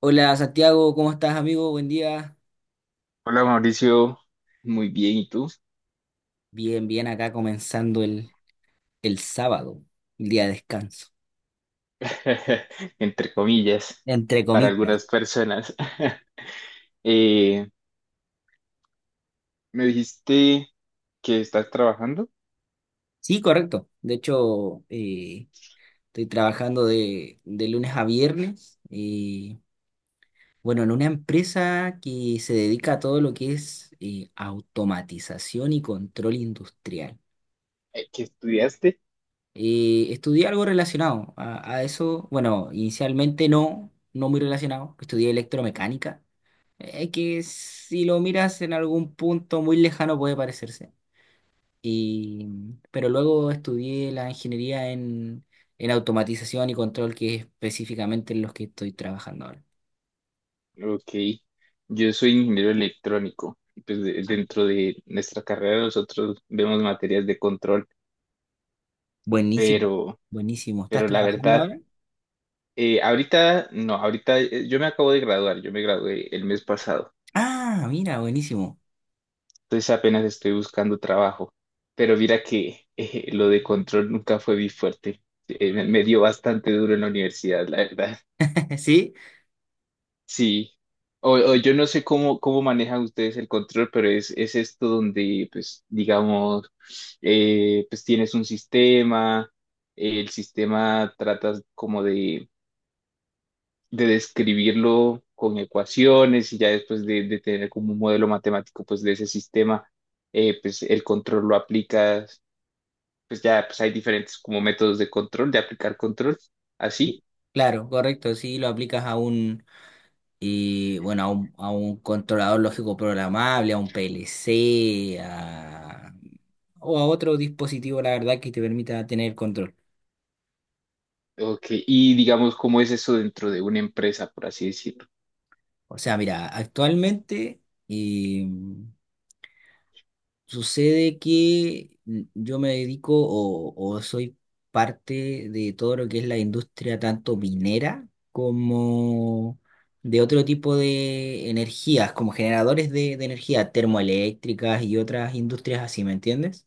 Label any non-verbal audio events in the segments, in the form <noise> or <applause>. Hola Santiago, ¿cómo estás amigo? Buen día. Hola Mauricio, muy bien, ¿y tú? Bien, bien, acá comenzando el sábado, el día de descanso, <laughs> Entre comillas, entre para comillas. algunas personas. <laughs> Eh, me dijiste que estás trabajando, Sí, correcto. De hecho, estoy trabajando de lunes a viernes. Bueno, en una empresa que se dedica a todo lo que es automatización y control industrial. Que estudiaste. Estudié algo relacionado a eso. Bueno, inicialmente no, no muy relacionado. Estudié electromecánica. Es que si lo miras en algún punto muy lejano puede parecerse. Y, pero luego estudié la ingeniería en automatización y control, que es específicamente en los que estoy trabajando ahora. Ok, yo soy ingeniero electrónico. Y pues dentro de nuestra carrera nosotros vemos materias de control, Buenísimo, pero, buenísimo. ¿Estás pero la trabajando verdad, ahora? Ahorita no, ahorita yo me acabo de graduar, yo me gradué el mes pasado. Ah, mira, buenísimo. Entonces apenas estoy buscando trabajo. Pero mira que lo de control nunca fue mi fuerte. Me dio bastante duro en la universidad, la verdad. <laughs> Sí, Sí. O yo no sé cómo, cómo manejan ustedes el control, pero es esto donde, pues, digamos, pues tienes un sistema, el sistema tratas como de describirlo con ecuaciones y ya después de tener como un modelo matemático, pues, de ese sistema, pues el control lo aplicas, pues ya pues hay diferentes como métodos de control, de aplicar control, así. sí, claro, correcto. Sí, lo aplicas a a un controlador lógico programable, a un PLC, o a otro dispositivo, la verdad, que te permita tener control. Ok, y digamos, ¿cómo es eso dentro de una empresa, por así decirlo? O sea, mira, actualmente eh, sucede que yo me dedico o soy parte de todo lo que es la industria tanto minera como de otro tipo de energías, como generadores de energía termoeléctricas y otras industrias así, ¿me entiendes?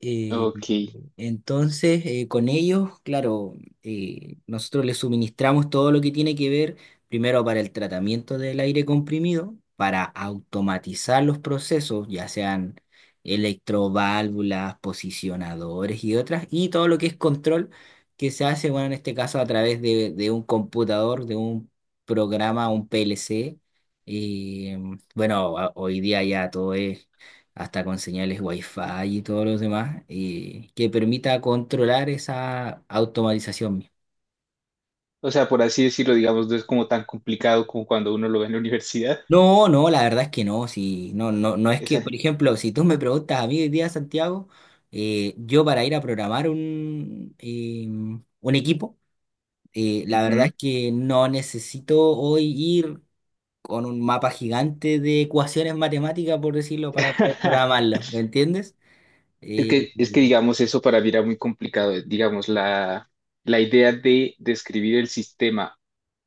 Eh, Ok, entonces, con ellos, claro, nosotros les suministramos todo lo que tiene que ver, primero para el tratamiento del aire comprimido, para automatizar los procesos, ya sean electroválvulas, posicionadores y otras, y todo lo que es control que se hace, bueno, en este caso a través de un computador, de un programa, un PLC. eh, Hoy día ya todo es hasta con señales Wi-Fi y todos los demás, que permita controlar esa automatización misma. o sea, por así decirlo, digamos, no es como tan complicado como cuando uno lo ve en la universidad. No, no, la verdad es que no, si, no, no, no es que, Esa. por ejemplo, si tú me preguntas a mí hoy día, Santiago, yo para ir a programar un equipo, la verdad Ujú. es que no necesito hoy ir con un mapa gigante de ecuaciones matemáticas, por decirlo, para poder <laughs> programarlo, ¿me entiendes? Eh, es que, digamos, eso para mí era muy complicado. Digamos, la idea de describir el sistema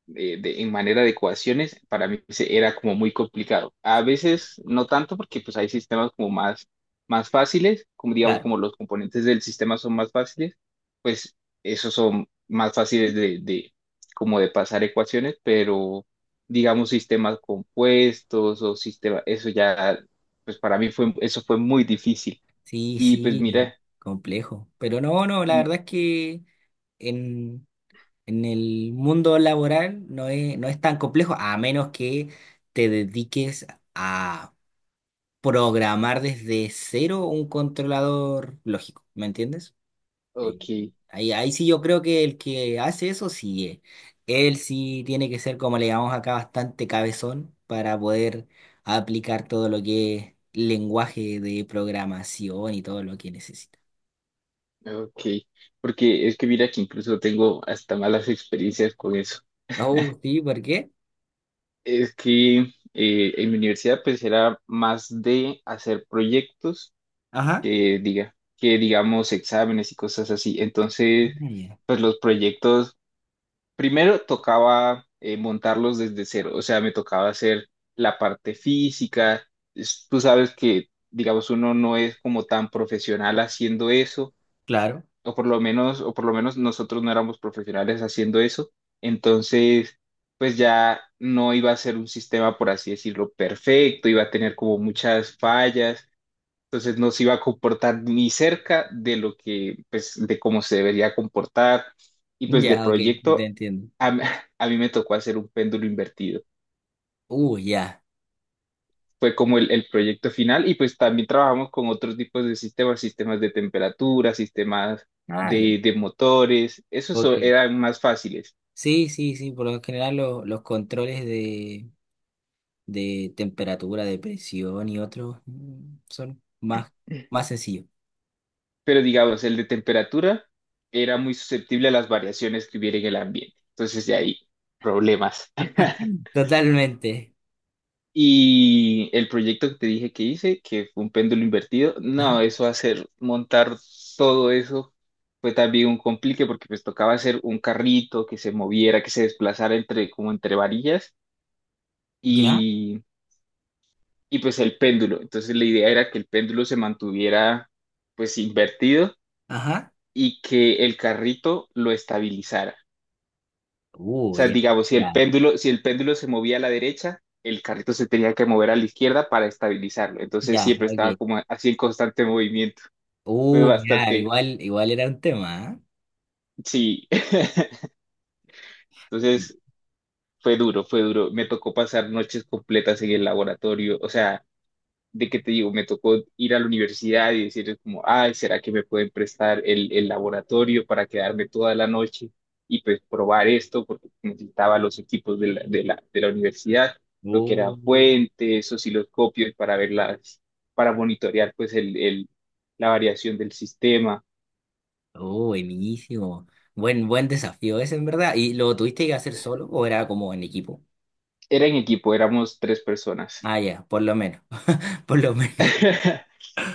de en manera de ecuaciones, para mí era como muy complicado. A veces no tanto porque pues hay sistemas como más, más fáciles, como digamos claro. como los componentes del sistema son más fáciles, pues esos son más fáciles de como de pasar ecuaciones, pero digamos sistemas compuestos o sistemas, eso ya, pues para mí fue, eso fue muy difícil. Sí, Y pues sí, mira, complejo. Pero no, no, la mm, verdad es que en, en el mundo laboral no es, no es tan complejo, a menos que te dediques a programar desde cero un controlador lógico, ¿me entiendes? Eh, ok, Ahí, ahí sí yo creo que el que hace eso, sí, él sí tiene que ser, como le llamamos acá, bastante cabezón para poder aplicar todo lo que es lenguaje de programación y todo lo que necesita. ok, porque es que mira que incluso tengo hasta malas experiencias con eso. Oh, sí, ¿por qué? Es que en mi universidad pues era más de hacer proyectos Ajá. que diga, que digamos exámenes y cosas así. Entonces, Ah, ya, pues los proyectos, primero tocaba montarlos desde cero, o sea, me tocaba hacer la parte física. Tú sabes que, digamos, uno no es como tan profesional haciendo eso claro. o por lo menos, o por lo menos nosotros no éramos profesionales haciendo eso, entonces pues ya no iba a ser un sistema, por así decirlo, perfecto, iba a tener como muchas fallas, entonces no se iba a comportar ni cerca de lo que, pues, de cómo se debería comportar, y pues de Ya, ok, yo te proyecto, entiendo. a, <laughs> a mí me tocó hacer un péndulo invertido. Ya. Fue como el proyecto final y pues también trabajamos con otros tipos de sistemas, sistemas de temperatura, sistemas Ah, ya. De motores, Ok. eran más fáciles, Sí, sí, sí, por lo general los controles de temperatura, de presión y otros son más, más sencillos. pero digamos, el de temperatura era muy susceptible a las variaciones que hubiera en el ambiente, entonces de ahí problemas. <laughs> Totalmente. Y el proyecto que te dije que hice, que fue un péndulo invertido, Ajá. no, eso hacer, montar todo eso fue también un complique porque pues tocaba hacer un carrito que se moviera, que se desplazara entre, como entre varillas ¿Ya? y, y pues el péndulo. Entonces la idea era que el péndulo se mantuviera pues invertido Ajá. y que el carrito lo estabilizara. Sea, Ya, digamos, si el ya, péndulo, si el péndulo se movía a la derecha, el carrito se tenía que mover a la izquierda para estabilizarlo. Entonces ya, siempre estaba ok. como así en constante movimiento. Fue Ya, bastante, igual, igual era un tema, sí. <laughs> ¿eh? Entonces fue duro, fue duro. Me tocó pasar noches completas en el laboratorio. O sea, de que te digo, me tocó ir a la universidad y decirles como, ay, ¿será que me pueden prestar el laboratorio para quedarme toda la noche y pues probar esto? Porque necesitaba los equipos de la, de la, de la universidad, lo que eran Uh, fuentes, osciloscopios para ver las, para monitorear pues el, la variación del sistema. Oh, buenísimo. Buen, buen desafío ese, en verdad. ¿Y lo tuviste que hacer solo o era como en equipo? Era en equipo, éramos tres personas. Ah, ya, por lo menos, <laughs> por lo menos. <laughs>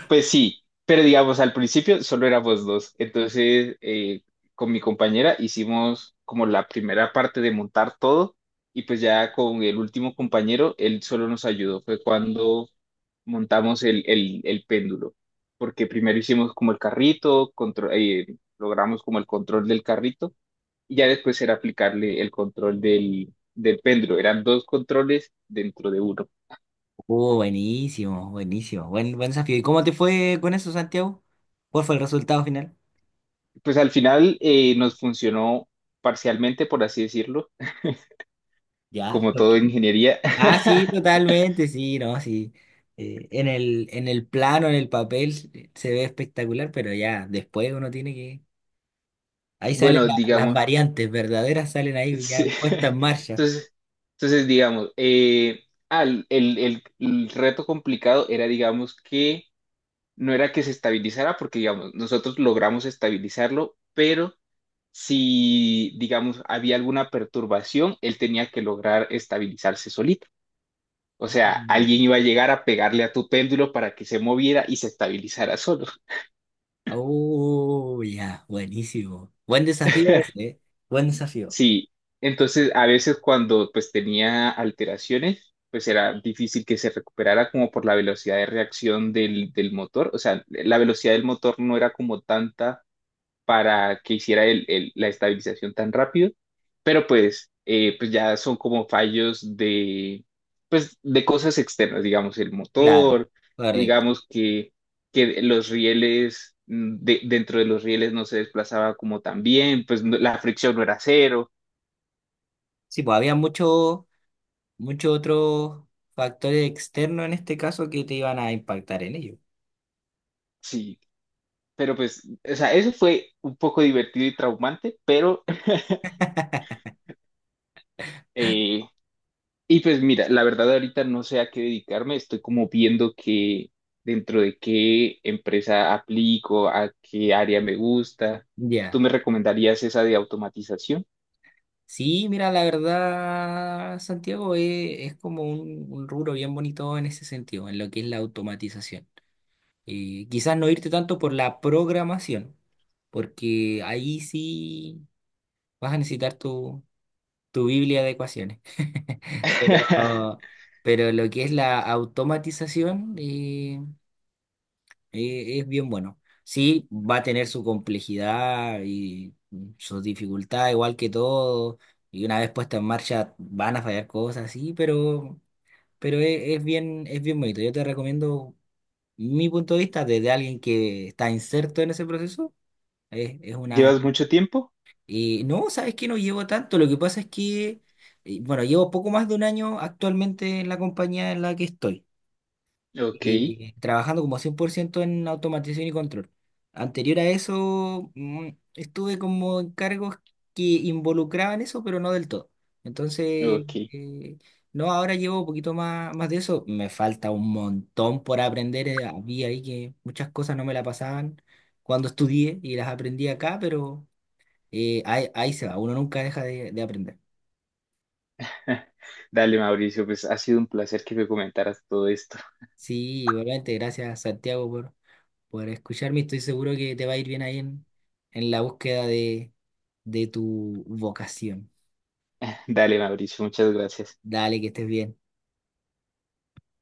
Pues sí, pero digamos, al principio solo éramos dos. Entonces, con mi compañera hicimos como la primera parte de montar todo y pues ya con el último compañero, él solo nos ayudó. Fue cuando montamos el péndulo, porque primero hicimos como el carrito, logramos como el control del carrito y ya después era aplicarle el control del, del péndulo. Eran dos controles dentro de uno. Oh, buenísimo, buenísimo. Buen, buen desafío. ¿Y cómo te fue con eso, Santiago? ¿Cuál fue el resultado final? Pues al final nos funcionó parcialmente, por así decirlo, Ya, como ok. todo en ingeniería. Ah, sí, <laughs> totalmente, sí, no, sí. En el, en el plano, en el papel, se ve espectacular, pero ya después uno tiene que... Ahí salen Bueno, las digamos, variantes verdaderas, salen ahí sí. ya puestas en <laughs> marcha. Entonces, entonces digamos, el, el reto complicado era, digamos, que no era que se estabilizara, porque, digamos, nosotros logramos estabilizarlo, pero si, digamos, había alguna perturbación, él tenía que lograr estabilizarse solito. O sea, alguien iba a llegar a pegarle a tu péndulo para que se moviera y se estabilizara solo. Oh, ya, buenísimo. Buen desafío ese, ¿eh? Buen desafío. Sí, entonces a veces cuando pues tenía alteraciones, pues era difícil que se recuperara como por la velocidad de reacción del, del motor, o sea, la velocidad del motor no era como tanta para que hiciera la estabilización tan rápido, pero pues, pues ya son como fallos de, pues, de cosas externas, digamos, el Claro, motor, correcto. digamos que los rieles, dentro de los rieles no se desplazaba como tan bien, pues la fricción no era cero. Sí, pues había muchos muchos otros factores externos en este caso que te iban a impactar en ello. Sí, pero pues, o sea, eso fue un poco divertido y traumante, pero, <laughs> eh, y pues mira, la verdad ahorita no sé a qué dedicarme, estoy como viendo que dentro de qué empresa aplico, a qué área me gusta. ¿Tú Ya. me recomendarías esa de automatización? Sí, mira, la verdad, Santiago, es, como un rubro bien bonito en ese sentido, en lo que es la automatización. Quizás no irte tanto por la programación, porque ahí sí vas a necesitar tu Biblia de ecuaciones. <laughs> Pero, <laughs> pero lo que es la automatización es bien bueno. Sí, va a tener su complejidad y su dificultad, igual que todo. Y una vez puesta en marcha van a fallar cosas, sí, pero es bien bonito. Yo te recomiendo mi punto de vista desde alguien que está inserto en ese proceso. Es una ¿Llevas mucho tiempo? No, sabes que no llevo tanto. Lo que pasa es que, bueno, llevo poco más de un año actualmente en la compañía en la que estoy, Ok, trabajando como 100% en automatización y control. Anterior a eso, estuve como en cargos que involucraban eso, pero no del todo. Entonces, ok. eh, no, ahora llevo un poquito más, más de eso. Me falta un montón por aprender. Había ahí que muchas cosas no me la pasaban cuando estudié y las aprendí acá, pero... Y ahí, ahí se va, uno nunca deja de aprender. <laughs> Dale, Mauricio, pues ha sido un placer que me comentaras todo esto. Sí, igualmente, gracias Santiago por escucharme. Estoy seguro que te va a ir bien ahí en la búsqueda de tu vocación. <laughs> Dale, Mauricio, muchas gracias. Dale, que estés bien.